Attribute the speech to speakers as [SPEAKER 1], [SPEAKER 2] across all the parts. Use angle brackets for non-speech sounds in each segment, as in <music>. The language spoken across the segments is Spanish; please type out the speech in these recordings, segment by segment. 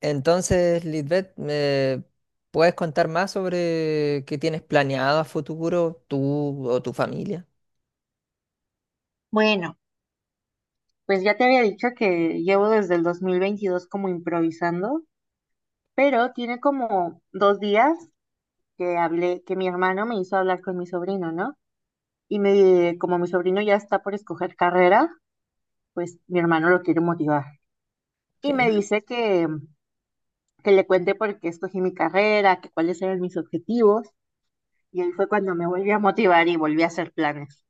[SPEAKER 1] Entonces, Lisbeth, ¿me puedes contar más sobre qué tienes planeado a futuro tú o tu familia?
[SPEAKER 2] Bueno, pues ya te había dicho que llevo desde el 2022 como improvisando, pero tiene como 2 días que hablé, que mi hermano me hizo hablar con mi sobrino, ¿no? Como mi sobrino ya está por escoger carrera, pues mi hermano lo quiere motivar. Y me
[SPEAKER 1] Ok,
[SPEAKER 2] dice que le cuente por qué escogí mi carrera, que cuáles eran mis objetivos. Y ahí fue cuando me volví a motivar y volví a hacer planes.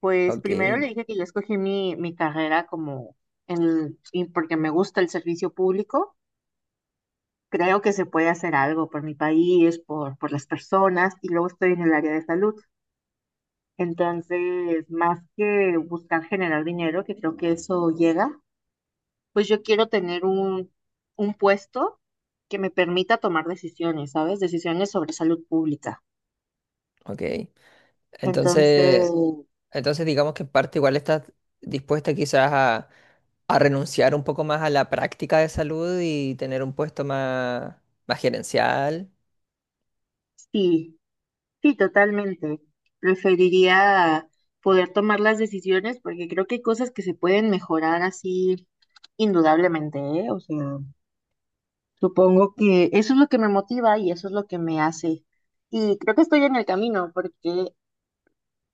[SPEAKER 2] Pues
[SPEAKER 1] ok,
[SPEAKER 2] primero le dije que yo escogí mi carrera y porque me gusta el servicio público. Creo que se puede hacer algo por mi país, por las personas, y luego estoy en el área de salud. Entonces, más que buscar generar dinero, que creo que eso llega, pues yo quiero tener un puesto que me permita tomar decisiones, ¿sabes? Decisiones sobre salud pública.
[SPEAKER 1] ok.
[SPEAKER 2] Entonces,
[SPEAKER 1] Entonces, entonces digamos que en parte igual estás dispuesta quizás a renunciar un poco más a la práctica de salud y tener un puesto más, más gerencial.
[SPEAKER 2] sí, sí, totalmente. Preferiría poder tomar las decisiones porque creo que hay cosas que se pueden mejorar así indudablemente, ¿eh? O sea, supongo que eso es lo que me motiva y eso es lo que me hace. Y creo que estoy en el camino porque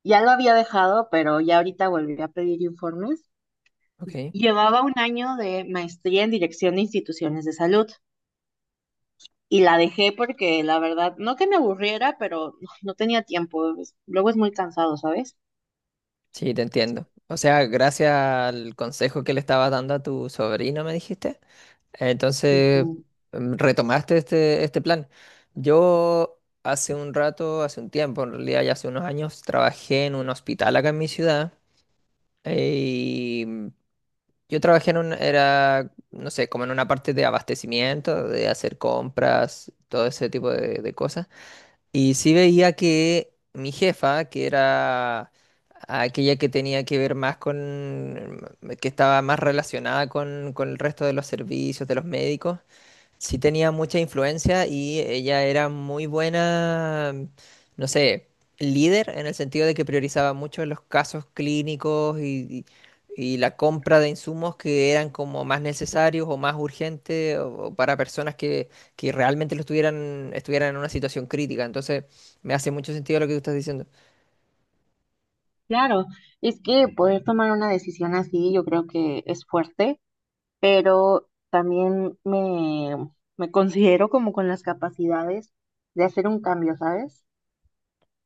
[SPEAKER 2] ya lo había dejado, pero ya ahorita volví a pedir informes.
[SPEAKER 1] Ok,
[SPEAKER 2] Llevaba un año de maestría en dirección de instituciones de salud y la dejé porque la verdad, no que me aburriera, pero no tenía tiempo. Luego es muy cansado, ¿sabes?
[SPEAKER 1] sí, te entiendo. O sea, gracias al consejo que le estabas dando a tu sobrino, me dijiste.
[SPEAKER 2] Dije,
[SPEAKER 1] Entonces, retomaste este, este plan. Yo hace un rato, hace un tiempo, en realidad ya hace unos años, trabajé en un hospital acá en mi ciudad. eh, Y mm, yo trabajé en un, era, no sé, como en una parte de abastecimiento, de hacer compras, todo ese tipo de cosas. Y sí veía que mi jefa, que era aquella que tenía que ver más con, que estaba más relacionada con el resto de los servicios, de los médicos, sí tenía mucha influencia y ella era muy buena, no sé, líder en el sentido de que priorizaba mucho los casos clínicos y la compra de insumos que eran como más necesarios o más urgentes o para personas que realmente lo estuvieran en una situación crítica. Entonces, me hace mucho sentido lo que tú estás diciendo.
[SPEAKER 2] claro, es que poder tomar una decisión así yo creo que es fuerte, pero también me considero como con las capacidades de hacer un cambio, ¿sabes?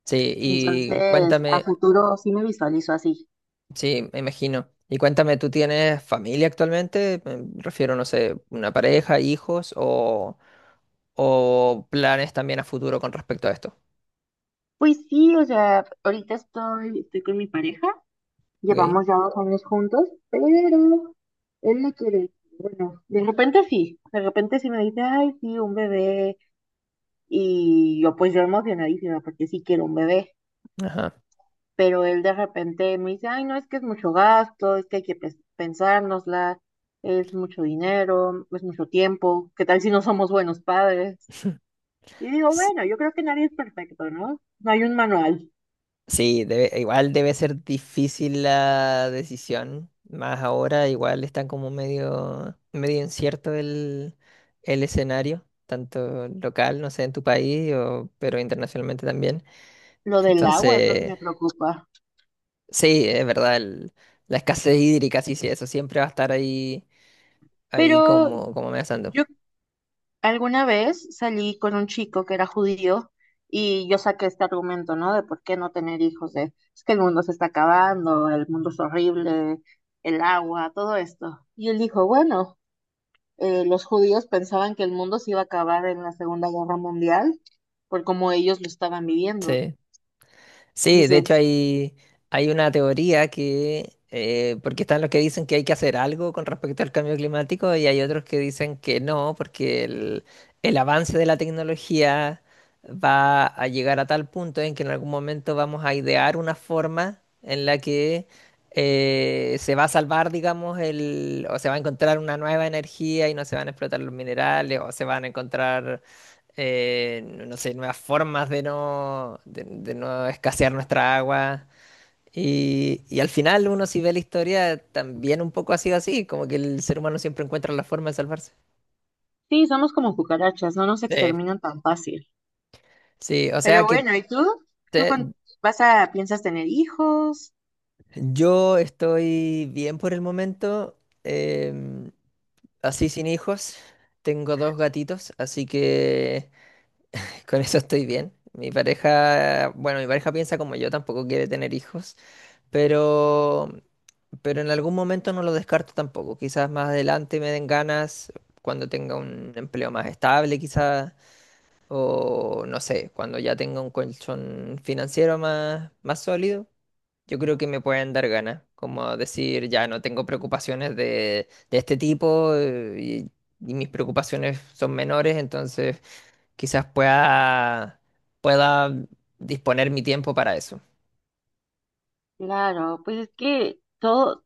[SPEAKER 1] Sí, y
[SPEAKER 2] Entonces, a
[SPEAKER 1] cuéntame.
[SPEAKER 2] futuro sí me visualizo así.
[SPEAKER 1] Sí, me imagino. Y cuéntame, ¿tú tienes familia actualmente? Me refiero, no sé, una pareja, hijos o planes también a futuro con respecto a esto.
[SPEAKER 2] Pues sí, o sea, ahorita estoy con mi pareja,
[SPEAKER 1] ¿Ok?
[SPEAKER 2] llevamos ya 2 años juntos, pero él no quiere. Bueno, de repente sí me dice, ay, sí, un bebé. Y yo pues yo emocionadísima porque sí quiero un bebé.
[SPEAKER 1] Ajá.
[SPEAKER 2] Pero él de repente me dice, ay, no, es que es mucho gasto, es que hay que pensárnosla, es mucho dinero, es mucho tiempo, ¿qué tal si no somos buenos padres?
[SPEAKER 1] <laughs>
[SPEAKER 2] Y digo,
[SPEAKER 1] S-
[SPEAKER 2] bueno, yo creo que nadie es perfecto, ¿no? No hay un manual.
[SPEAKER 1] Sí, igual debe ser difícil la decisión. Más ahora, igual está como medio, medio incierto el escenario, tanto local, no sé, en tu país, pero internacionalmente también.
[SPEAKER 2] Lo del agua es lo que
[SPEAKER 1] Entonces.
[SPEAKER 2] me preocupa.
[SPEAKER 1] Sí, es verdad, la escasez hídrica, sí, sí, eso siempre va a estar ahí, ahí
[SPEAKER 2] Pero
[SPEAKER 1] como, como amenazando.
[SPEAKER 2] yo alguna vez salí con un chico que era judío y yo saqué este argumento, ¿no? De por qué no tener hijos, de es que el mundo se está acabando, el mundo es horrible, el agua, todo esto. Y él dijo, bueno. Los judíos pensaban que el mundo se iba a acabar en la Segunda Guerra Mundial por cómo ellos lo estaban viviendo.
[SPEAKER 1] Sí. Sí, de hecho
[SPEAKER 2] Dice,
[SPEAKER 1] hay, hay una teoría que, porque están los que dicen que hay que hacer algo con respecto al cambio climático y hay otros que dicen que no, porque el avance de la tecnología va a llegar a tal punto en que en algún momento vamos a idear una forma en la que se va a salvar, digamos, el, o se va a encontrar una nueva energía y no se van a explotar los minerales o se van a encontrar no sé, nuevas formas de no escasear nuestra agua. Y al final uno si ve la historia también un poco ha sido así, como que el ser humano siempre encuentra la forma de salvarse.
[SPEAKER 2] sí, somos como cucarachas, no nos
[SPEAKER 1] Sí,
[SPEAKER 2] exterminan tan fácil.
[SPEAKER 1] sí, o sea
[SPEAKER 2] Pero
[SPEAKER 1] que
[SPEAKER 2] bueno, ¿y tú? ¿Tú
[SPEAKER 1] te-
[SPEAKER 2] con- vas a, piensas tener hijos?
[SPEAKER 1] yo estoy bien por el momento, em, así sin hijos, tengo dos gatitos, así que con eso estoy bien. Mi pareja, bueno, mi pareja piensa como yo, tampoco quiere tener hijos. Pero, pero en algún momento no lo descarto tampoco. Quizás más adelante me den ganas cuando tenga un empleo más estable, quizás, o no sé, cuando ya tenga un colchón financiero más, más sólido. Yo creo que me pueden dar ganas, como decir, ya no tengo preocupaciones de este tipo y mis preocupaciones son menores, entonces quizás pueda, pueda disponer mi tiempo para eso.
[SPEAKER 2] Claro, pues es que todo,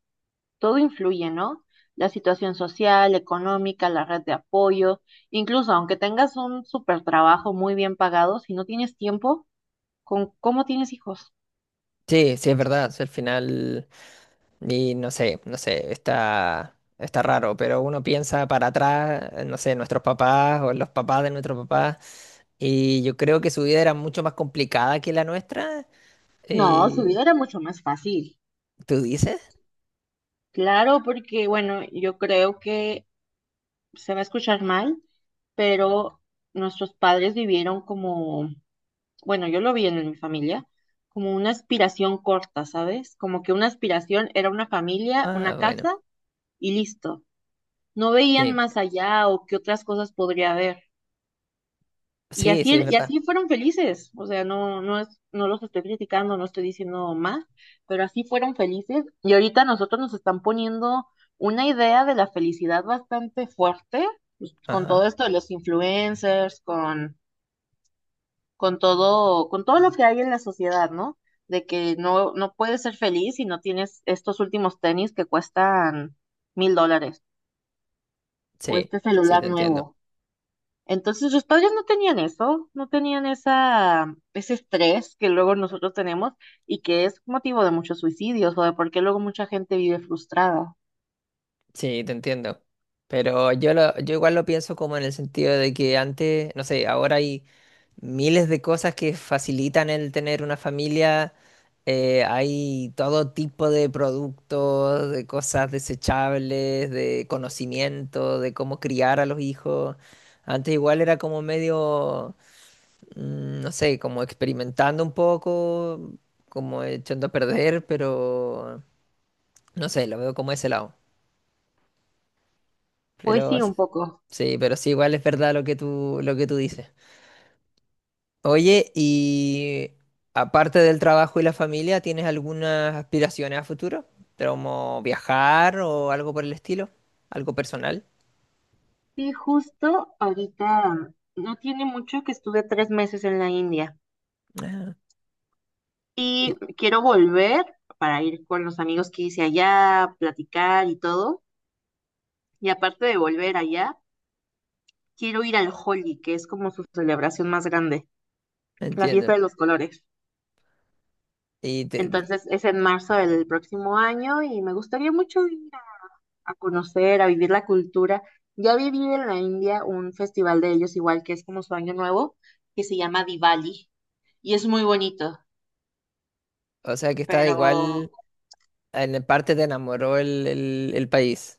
[SPEAKER 2] todo influye, ¿no? La situación social, económica, la red de apoyo, incluso aunque tengas un super trabajo muy bien pagado, si no tienes tiempo, ¿con cómo tienes hijos?
[SPEAKER 1] Sí, sí, es verdad. O sea, al final. Y no sé, no sé, está, está raro, pero uno piensa para atrás, no sé, nuestros papás o los papás de nuestros papás, y yo creo que su vida era mucho más complicada que la nuestra.
[SPEAKER 2] No, su
[SPEAKER 1] eh,
[SPEAKER 2] vida era mucho más fácil.
[SPEAKER 1] ¿Tú dices?
[SPEAKER 2] Claro, porque bueno, yo creo que se va a escuchar mal, pero nuestros padres vivieron como, bueno, yo lo vi en mi familia, como una aspiración corta, ¿sabes? Como que una aspiración era una familia, una
[SPEAKER 1] Ah, bueno,
[SPEAKER 2] casa y listo. No veían
[SPEAKER 1] sí,
[SPEAKER 2] más allá o qué otras cosas podría haber. Y
[SPEAKER 1] sí, sí, es
[SPEAKER 2] así, y
[SPEAKER 1] verdad.
[SPEAKER 2] así fueron felices, o sea, no, no es, no los estoy criticando, no estoy diciendo más, pero así fueron felices. Y ahorita nosotros nos están poniendo una idea de la felicidad bastante fuerte, pues, con,
[SPEAKER 1] Ajá,
[SPEAKER 2] todo esto de los influencers, con todo lo que hay en la sociedad, ¿no? De que no puedes ser feliz si no tienes estos últimos tenis que cuestan $1,000, o
[SPEAKER 1] sí,
[SPEAKER 2] este
[SPEAKER 1] sí, te
[SPEAKER 2] celular
[SPEAKER 1] entiendo,
[SPEAKER 2] nuevo. Entonces los padres no tenían eso, no tenían esa, ese estrés que luego nosotros tenemos y que es motivo de muchos suicidios o de por qué luego mucha gente vive frustrada.
[SPEAKER 1] sí, te entiendo. Pero yo, lo, yo igual lo pienso como en el sentido de que antes, no sé, ahora hay miles de cosas que facilitan el tener una familia. Hay todo tipo de productos, de cosas desechables, de conocimiento, de cómo criar a los hijos. Antes igual era como medio, no sé, como experimentando un poco, como echando a perder, pero no sé, lo veo como ese lado.
[SPEAKER 2] Pues
[SPEAKER 1] Pero
[SPEAKER 2] sí,
[SPEAKER 1] s-
[SPEAKER 2] un poco.
[SPEAKER 1] sí, pero sí, igual es verdad lo que tú dices. Oye, y aparte del trabajo y la familia, ¿tienes algunas aspiraciones a futuro? ¿Como viajar o algo por el estilo? ¿Algo personal?
[SPEAKER 2] Sí, justo ahorita no tiene mucho que estuve 3 meses en la India
[SPEAKER 1] Ah, y-
[SPEAKER 2] y quiero volver para ir con los amigos que hice allá, platicar y todo. Y aparte de volver allá, quiero ir al Holi, que es como su celebración más grande, la fiesta
[SPEAKER 1] entiendo.
[SPEAKER 2] de los colores.
[SPEAKER 1] Y te-
[SPEAKER 2] Entonces es en marzo del próximo año y me gustaría mucho ir a conocer, a vivir la cultura. Ya viví en la India un festival de ellos igual que es como su año nuevo, que se llama Diwali y es muy bonito,
[SPEAKER 1] o sea que está igual,
[SPEAKER 2] pero
[SPEAKER 1] en parte te enamoró el, el país.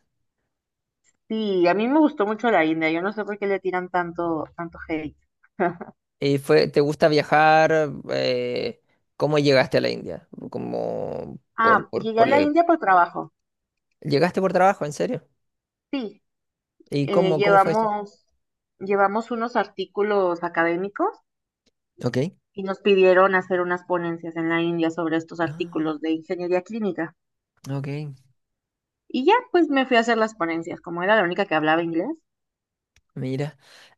[SPEAKER 2] sí, a mí me gustó mucho la India. Yo no sé por qué le tiran tanto, tanto hate. <laughs>
[SPEAKER 1] ¿Y fue, te gusta viajar? ¿Cómo llegaste a la India? Como
[SPEAKER 2] Ah,
[SPEAKER 1] por,
[SPEAKER 2] llegué a la India por trabajo.
[SPEAKER 1] ¿Llegaste por trabajo, en serio?
[SPEAKER 2] Sí,
[SPEAKER 1] ¿Y
[SPEAKER 2] eh,
[SPEAKER 1] cómo, cómo fue eso?
[SPEAKER 2] llevamos, llevamos unos artículos académicos
[SPEAKER 1] Ok.
[SPEAKER 2] y nos pidieron hacer unas ponencias en la India sobre estos
[SPEAKER 1] Ah,
[SPEAKER 2] artículos de ingeniería clínica.
[SPEAKER 1] ok.
[SPEAKER 2] Y ya, pues me fui a hacer las ponencias, como era la única que hablaba inglés.
[SPEAKER 1] Mira,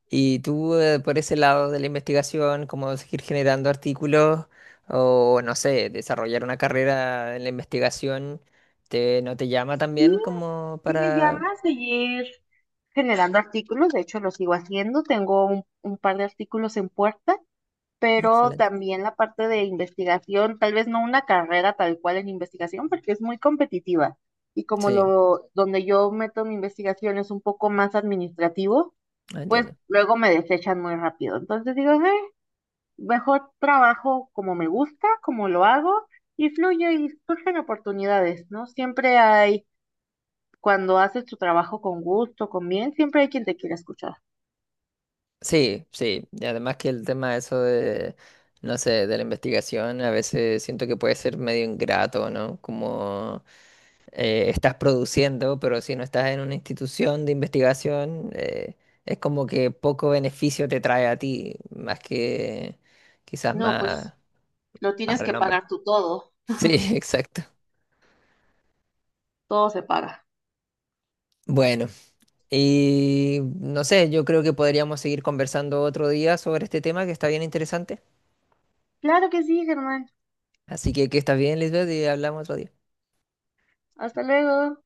[SPEAKER 1] ¿y tú por ese lado de la investigación, cómo seguir generando artículos o, no sé, desarrollar una carrera en la investigación, no te llama
[SPEAKER 2] Y
[SPEAKER 1] también como
[SPEAKER 2] si me
[SPEAKER 1] para...
[SPEAKER 2] llamas, seguir generando artículos, de hecho lo sigo haciendo, tengo un, par de artículos en puerta,
[SPEAKER 1] Ah,
[SPEAKER 2] pero
[SPEAKER 1] excelente.
[SPEAKER 2] también la parte de investigación, tal vez no una carrera tal cual en investigación, porque es muy competitiva. Y
[SPEAKER 1] Sí,
[SPEAKER 2] donde yo meto mi investigación es un poco más administrativo,
[SPEAKER 1] ah,
[SPEAKER 2] pues
[SPEAKER 1] entiendo.
[SPEAKER 2] luego me desechan muy rápido. Entonces digo, "Ah, mejor trabajo como me gusta, como lo hago, y fluye y surgen oportunidades, ¿no? Siempre hay, cuando haces tu trabajo con gusto, con bien, siempre hay quien te quiera escuchar.
[SPEAKER 1] Sí, sí, y además que el tema eso de, no sé, de la investigación, a veces siento que puede ser medio ingrato, ¿no? Como estás produciendo, pero si no estás en una institución de investigación, es como que poco beneficio te trae a ti, más que quizás
[SPEAKER 2] No, pues
[SPEAKER 1] más,
[SPEAKER 2] lo
[SPEAKER 1] más
[SPEAKER 2] tienes que
[SPEAKER 1] renombre.
[SPEAKER 2] pagar tú todo,
[SPEAKER 1] Sí, <laughs> exacto.
[SPEAKER 2] todo se paga.
[SPEAKER 1] Bueno, y no sé, yo creo que podríamos seguir conversando otro día sobre este tema que está bien interesante.
[SPEAKER 2] Claro que sí, Germán.
[SPEAKER 1] Así que estás bien, Lisbeth, y hablamos otro día.
[SPEAKER 2] Hasta luego.